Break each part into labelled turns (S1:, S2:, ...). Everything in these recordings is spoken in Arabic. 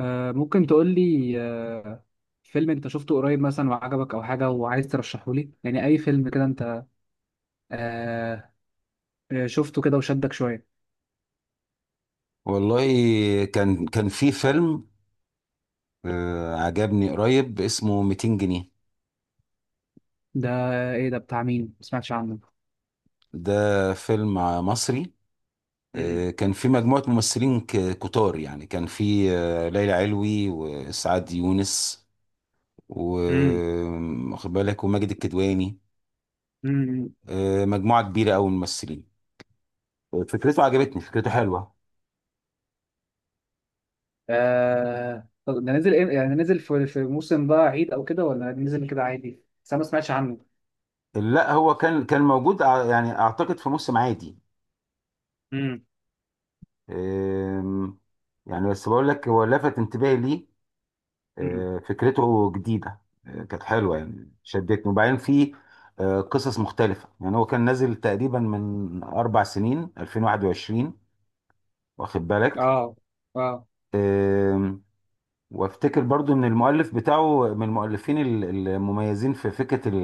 S1: ممكن تقول لي فيلم انت شفته قريب مثلا وعجبك او حاجه وعايز ترشحه لي، يعني اي فيلم كده انت آه، شفته كده وشدك شويه؟
S2: والله كان في فيلم عجبني قريب، اسمه 200 جنيه.
S1: ده ايه ده بتاع مين؟ ما سمعتش عنه.
S2: ده فيلم مصري.
S1: مم.
S2: كان في مجموعة ممثلين كتار، يعني كان في ليلى علوي وسعاد يونس،
S1: مم.
S2: واخد بالك، وماجد الكدواني.
S1: مم.
S2: مجموعة كبيرة أوي من الممثلين. فكرته عجبتني، فكرته حلوة.
S1: طب ده نزل إيه؟ يعني نزل في موسم بقى عيد او كده ولا نزل كده عادي؟ بس انا ما سمعتش عنه.
S2: لا، هو كان موجود يعني أعتقد في موسم عادي.
S1: مم.
S2: آم، يعني بس بقول لك هو لفت انتباهي ليه.
S1: مم.
S2: فكرته جديدة، كانت حلوة يعني شدتني. وبعدين في قصص مختلفة. يعني هو كان نازل تقريبا من أربع سنين 2021، واخد بالك.
S1: اه اه.
S2: آم، وافتكر برضو ان المؤلف بتاعه من المؤلفين المميزين في فكرة ال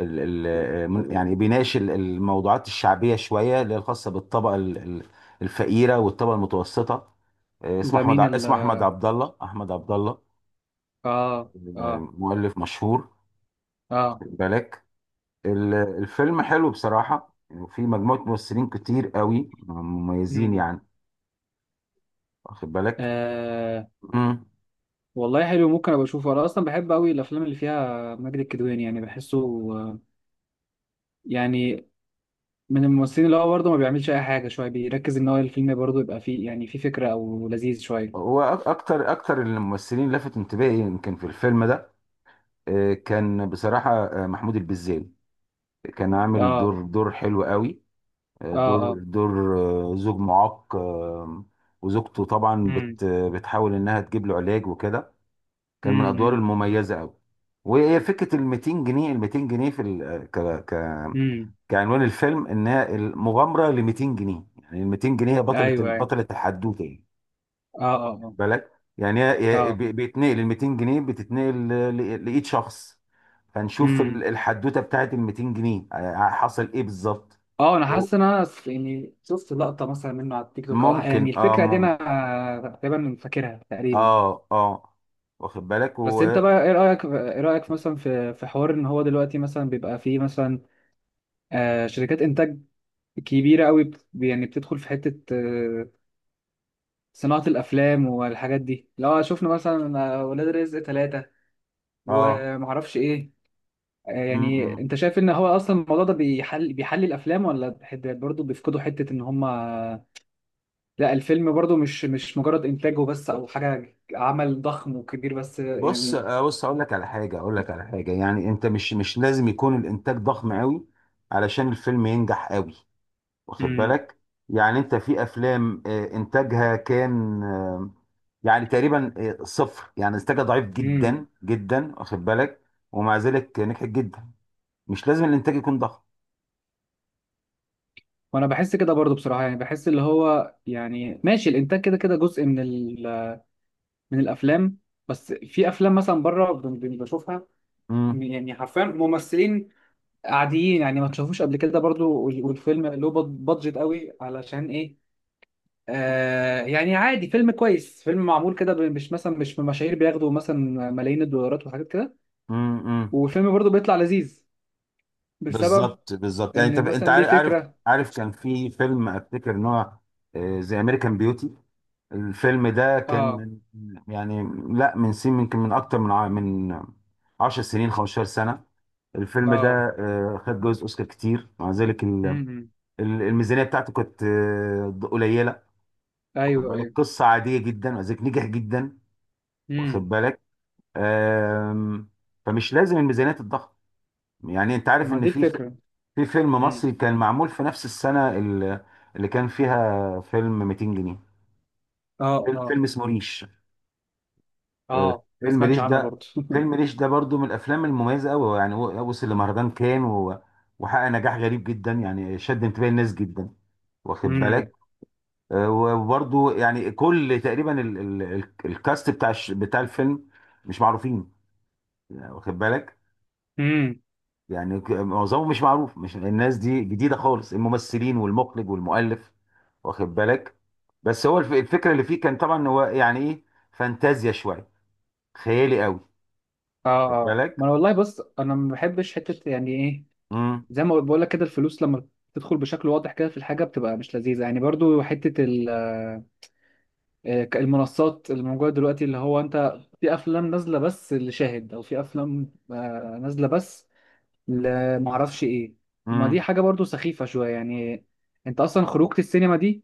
S2: ال ال يعني بيناقش الموضوعات الشعبية شوية، اللي هي الخاصة بالطبقة الفقيرة والطبقة المتوسطة. اسمه
S1: ده
S2: احمد
S1: مين
S2: اسمه احمد عبد الله، احمد عبد الله،
S1: اه اه
S2: مؤلف مشهور،
S1: اه.
S2: واخد بالك. الفيلم حلو بصراحة، وفي مجموعة ممثلين كتير قوي مميزين
S1: مم.
S2: يعني، واخد بالك.
S1: آه.
S2: امم،
S1: والله حلو، ممكن ابقى اشوفه، انا اصلا بحب قوي الافلام اللي فيها ماجد الكدواني، يعني بحسه آه، يعني من الممثلين اللي هو برضه ما بيعملش اي حاجه، شويه بيركز ان هو الفيلم برضه يبقى فيه، يعني فيه فكره او لذيذ شويه.
S2: هو اكتر الممثلين اللي لفت انتباهي يمكن في الفيلم ده، كان بصراحة محمود البزاوي. كان عامل
S1: اه
S2: دور حلو قوي،
S1: اه
S2: دور
S1: اه.
S2: دور زوج معاق، وزوجته طبعا
S1: امم.
S2: بتحاول انها تجيب له علاج وكده. كان من الادوار
S1: امم.
S2: المميزة قوي. وفكره ال 200 جنيه، ال 200 جنيه في آه، ك
S1: امم.
S2: كعنوان الفيلم، انها المغامره ل 200 جنيه. يعني ال 200 جنيه هي
S1: ايوه
S2: بطله
S1: ايوه.
S2: بطله الحدوته، يعني
S1: اه اه اه
S2: بالك. يعني
S1: اه.
S2: بيتنقل ال 200 جنيه، بتتنقل لايد شخص، فنشوف
S1: امم.
S2: الحدوته بتاعت ال 200 جنيه حصل ايه بالظبط.
S1: اه، انا
S2: و-
S1: حاسس ان انا يعني شفت لقطه مثلا منه على التيك توك، او يعني
S2: ممكن، اه
S1: الفكره دي
S2: ممكن،
S1: انا تقريبا فاكرها تقريبا.
S2: اه اه، واخد بالك
S1: بس
S2: و
S1: انت بقى، ايه رايك مثلا في حوار ان هو دلوقتي مثلا بيبقى فيه مثلا شركات انتاج كبيره قوي، يعني بتدخل في حته صناعه الافلام والحاجات دي. لو شفنا مثلا ولاد رزق 3
S2: اه
S1: ومعرفش ايه،
S2: م
S1: يعني
S2: -م.
S1: انت شايف ان هو اصلا الموضوع ده بيحل الافلام، ولا برضه بيفقدوا حته ان هم؟ لا، الفيلم برضه مش مجرد انتاجه بس او حاجه، عمل ضخم وكبير بس
S2: بص،
S1: يعني.
S2: بص اقول لك على حاجه، اقول لك على حاجه، يعني انت مش لازم يكون الانتاج ضخم قوي علشان الفيلم ينجح قوي، واخد
S1: امم.
S2: بالك. يعني انت في افلام انتاجها كان يعني تقريبا صفر، يعني انتاجها ضعيف
S1: امم.
S2: جدا جدا، واخد بالك. ومع ذلك نجحت جدا، مش لازم الانتاج يكون ضخم.
S1: وانا بحس كده برضه بصراحه، يعني بحس اللي هو يعني ماشي، الانتاج كده كده جزء من الافلام. بس في افلام مثلا بره بشوفها،
S2: امم،
S1: يعني حرفيا ممثلين عاديين، يعني ما تشوفوش قبل كده برضو، والفيلم له بادجت قوي علشان ايه؟ يعني عادي، فيلم كويس، فيلم معمول كده، مش مثلا، مش من مشاهير بياخدوا مثلا ملايين الدولارات وحاجات كده.
S2: امم،
S1: والفيلم برضو بيطلع لذيذ بسبب
S2: بالظبط بالظبط، يعني انت
S1: ان مثلا
S2: انت
S1: ليه
S2: عارف عارف
S1: فكرة.
S2: عارف كان في فيلم افتكر ان هو زي امريكان بيوتي. الفيلم ده كان
S1: اه
S2: من، يعني، لا من سن يمكن من اكتر من من 10 سنين، 15 سنه، الفيلم ده.
S1: اه.
S2: خد جوائز اوسكار كتير. مع ذلك
S1: امم.
S2: الميزانيه بتاعته كانت قليله، واخد
S1: ايوه
S2: بالك،
S1: ايوه.
S2: قصه عاديه جدا، مع ذلك نجح جدا، واخد
S1: امم.
S2: بالك. آم، فمش لازم الميزانيات الضخمه. يعني انت عارف
S1: ما
S2: ان
S1: دي
S2: في
S1: الفكرة.
S2: في فيلم
S1: امم.
S2: مصري كان معمول في نفس السنه اللي كان فيها فيلم 200 جنيه،
S1: اه اه
S2: فيلم اسمه ريش.
S1: اه. ما
S2: فيلم
S1: سمعتش
S2: ريش
S1: عنه
S2: ده،
S1: برضو.
S2: فيلم ريش ده برضو من الافلام المميزه قوي. يعني بص، اللي مهرجان كان وحقق نجاح غريب جدا، يعني شد انتباه الناس جدا، واخد بالك. وبرضو يعني كل تقريبا الكاست بتاع بتاع الفيلم مش معروفين، يعني واخد بالك.
S1: امم.
S2: يعني معظمهم مش معروف، مش الناس دي جديده خالص، الممثلين والمخرج والمؤلف، واخد بالك. بس هو الفكره اللي فيه كان طبعا، هو يعني ايه، فانتازيا شويه، خيالي قوي،
S1: اه
S2: واخد
S1: اه. ما
S2: بالك.
S1: انا والله، بص، انا ما بحبش حته يعني ايه،
S2: مم.
S1: زي ما بقول لك كده، الفلوس لما تدخل بشكل واضح كده في الحاجه بتبقى مش لذيذه يعني. برضو حته المنصات اللي موجوده دلوقتي، اللي هو انت في افلام نازله بس لشاهد، او في افلام نازله بس لمعرفش ايه. ما دي
S2: امم.
S1: حاجه برضو سخيفه شويه يعني، انت اصلا خروجه السينما دي،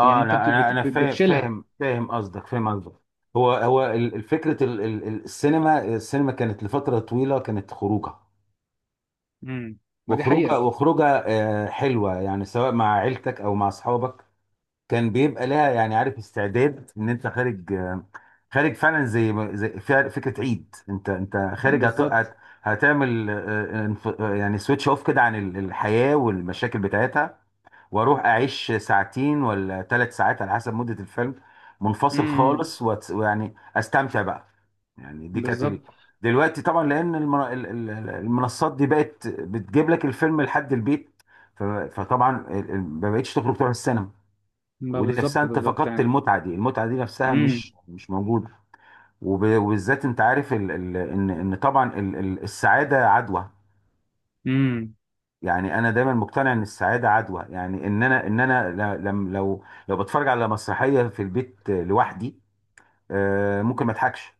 S1: يعني انت
S2: انا انا انا فاهم
S1: بتشيلها.
S2: فاهم فاهم قصدك، فاهم قصدك. هو فكره السينما كانت لفتره طويله كانت خروجه،
S1: امم. ما دي
S2: وخروجه
S1: حقيقه.
S2: وخروجه حلوه، يعني سواء مع عيلتك او مع اصحابك. كان بيبقى لها، يعني عارف، استعداد ان انت خارج، خارج فعلا، زي فكره عيد، انت خارج،
S1: بالظبط.
S2: هتعمل يعني سويتش اوف كده عن الحياه والمشاكل بتاعتها. واروح اعيش ساعتين ولا ثلاث ساعات على حسب مدة الفيلم، منفصل
S1: امم.
S2: خالص، ويعني استمتع بقى. يعني دي كانت
S1: بالظبط.
S2: دلوقتي طبعا، لان المنصات دي بقت بتجيب لك الفيلم لحد البيت. فطبعا ما بقتش تخرج تروح السينما.
S1: ما
S2: ودي نفسها
S1: بالظبط
S2: انت
S1: بالظبط
S2: فقدت
S1: يعني.
S2: المتعة دي، المتعة دي نفسها
S1: امم.
S2: مش موجودة. وبالذات انت عارف ان طبعا السعادة عدوى.
S1: امم.
S2: يعني انا دايما مقتنع ان السعاده عدوى، يعني ان انا، ل- لم لو بتفرج على مسرحيه في البيت لوحدي، ممكن ما اضحكش.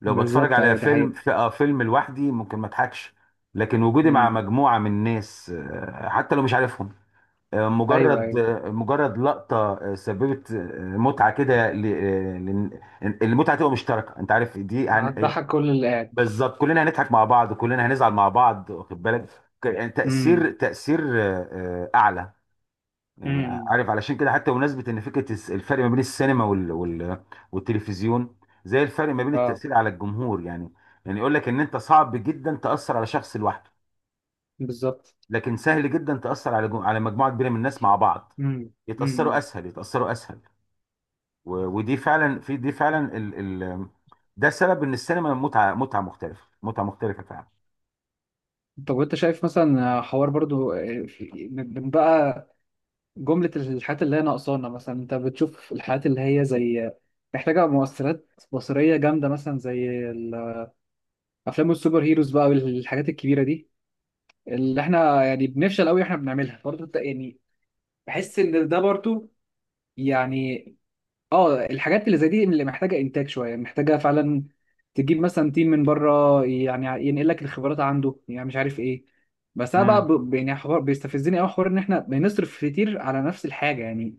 S2: لو بتفرج
S1: بالظبط.
S2: على
S1: ايوه، دي
S2: فيلم
S1: حقيقة.
S2: في فيلم لوحدي، ممكن ما اضحكش. لكن وجودي مع
S1: امم.
S2: مجموعه من ناس، حتى لو مش عارفهم،
S1: ايوه
S2: مجرد
S1: ايوه.
S2: مجرد لقطه سببت متعه كده، المتعه تبقى مشتركه، انت عارف دي.
S1: هتضحك كل اللي قاعد.
S2: بالظبط، كلنا هنضحك مع بعض، كلنا هنزعل مع بعض، واخد بالك، يعني
S1: امم.
S2: تأثير أعلى. يعني
S1: امم.
S2: عارف علشان كده، حتى بمناسبة إن فكرة الفرق ما بين السينما والتلفزيون، زي الفرق ما بين
S1: اه،
S2: التأثير على الجمهور يعني. يعني يقول لك إن أنت صعب جدا تأثر على شخص لوحده،
S1: بالظبط.
S2: لكن سهل جدا تأثر على على مجموعة كبيرة من الناس مع بعض،
S1: امم.
S2: يتأثروا
S1: امم.
S2: أسهل، يتأثروا أسهل. ودي فعلا، في دي فعلا ال... ال... ده سبب إن السينما متعة، متعة مختلفة، متعة مختلفة فعلا.
S1: طب وانت شايف مثلا حوار برضو، من بقى جملة الحاجات اللي هي ناقصانا؟ مثلا انت بتشوف الحاجات اللي هي زي محتاجة مؤثرات بصرية جامدة، مثلا زي الافلام السوبر هيروز بقى والحاجات الكبيرة دي، اللي احنا يعني بنفشل قوي احنا بنعملها برضو، انت يعني بحس ان ده برضو يعني، اه الحاجات اللي زي دي اللي محتاجه انتاج شويه، محتاجه فعلا تجيب مثلا تيم من بره يعني ينقل لك الخبرات عنده، يعني مش عارف ايه. بس انا بقى يعني حوار بيستفزني قوي، حوار ان احنا بنصرف كتير على نفس الحاجه يعني،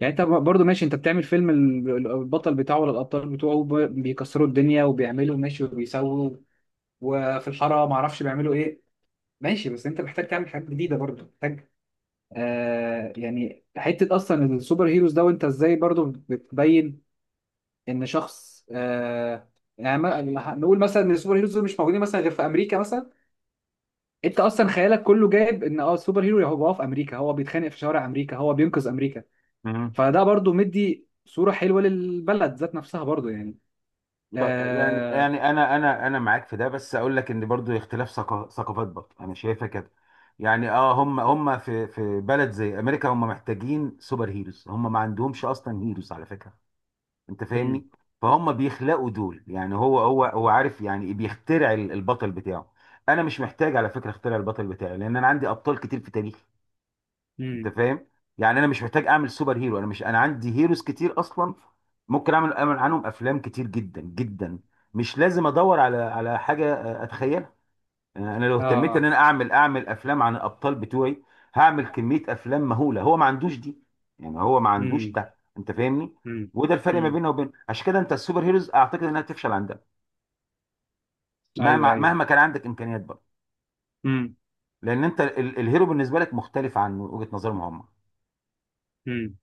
S1: يعني انت برضو ماشي، انت بتعمل فيلم البطل بتاعه ولا الابطال بتوعه بيكسروا الدنيا وبيعملوا ماشي وبيسووا، وفي الحاره ما اعرفش بيعملوا ايه، ماشي، بس انت محتاج تعمل حاجات جديده برضو محتاج. يعني حته اصلا السوبر هيروز ده وانت ازاي برضو بتبين ان شخص يعني نقول مثلا ان السوبر هيروز دول مش موجودين مثلا غير في امريكا مثلا. انت اصلا خيالك كله جايب ان السوبر هيرو هو في امريكا، هو بيتخانق في شوارع امريكا، هو بينقذ امريكا،
S2: امم.
S1: فده برضو مدي صورة حلوة للبلد ذات نفسها برضو يعني.
S2: طب، يعني
S1: لا.
S2: يعني انا معاك في ده، بس اقول لك ان برضو اختلاف ثقافات، برضو انا شايفها كده. يعني اه، هم في بلد زي امريكا، هم محتاجين سوبر هيروز، هم ما عندهمش اصلا هيروز على فكره، انت
S1: مم.
S2: فاهمني. فهم بيخلقوا دول، يعني هو عارف، يعني بيخترع البطل بتاعه. انا مش محتاج على فكره اخترع البطل بتاعي، لان انا عندي ابطال كتير في تاريخي، انت
S1: مم.
S2: فاهم. يعني انا مش محتاج اعمل سوبر هيرو، انا مش، انا عندي هيروز كتير اصلا. ممكن اعمل عنهم افلام كتير جدا جدا. مش لازم ادور على حاجه اتخيلها. انا لو اهتميت ان
S1: اه.
S2: انا اعمل افلام عن الابطال بتوعي، هعمل كميه افلام مهوله. هو ما عندوش دي، يعني هو ما عندوش
S1: مم.
S2: ده، انت فاهمني.
S1: مم.
S2: وده الفرق ما
S1: مم.
S2: بيننا وبين، عشان كده انت السوبر هيروز اعتقد انها تفشل عندها،
S1: ايوه
S2: مهما
S1: ايوه.
S2: مهما كان عندك امكانيات برضه،
S1: امم.
S2: لان انت الهيرو بالنسبه لك مختلف عن وجهه نظرهم هم،
S1: مم.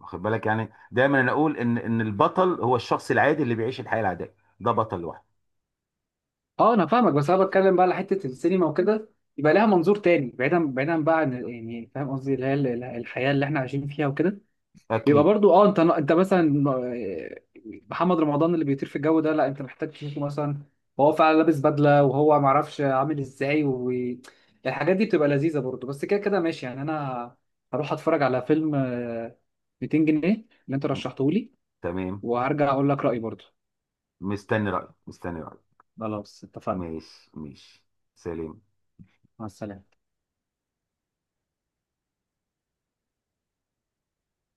S2: واخد بالك. يعني دايما انا اقول ان البطل هو الشخص العادي اللي بيعيش الحياه العاديه، ده بطل لوحده.
S1: اه، انا فاهمك، بس انا بتكلم بقى على حته السينما وكده، يبقى لها منظور تاني، بعيدا بعيدا بقى عن، يعني فاهم قصدي، اللي هي الحياه اللي احنا عايشين فيها وكده. يبقى
S2: اكيد.
S1: برضو انت مثلا، محمد رمضان اللي بيطير في الجو ده، لا انت محتاج تشوفه مثلا وهو فعلا لابس بدله وهو ما اعرفش عامل ازاي، والحاجات دي بتبقى لذيذه برضو، بس كده كده ماشي يعني. انا هروح اتفرج على فيلم 200 جنيه اللي انت رشحته لي،
S2: تمام.
S1: وهرجع اقول لك رايي برضو.
S2: مستني رايك، مستني رايك.
S1: خلاص اتفقنا.
S2: ماشي ماشي. سلام.
S1: مع السلامة.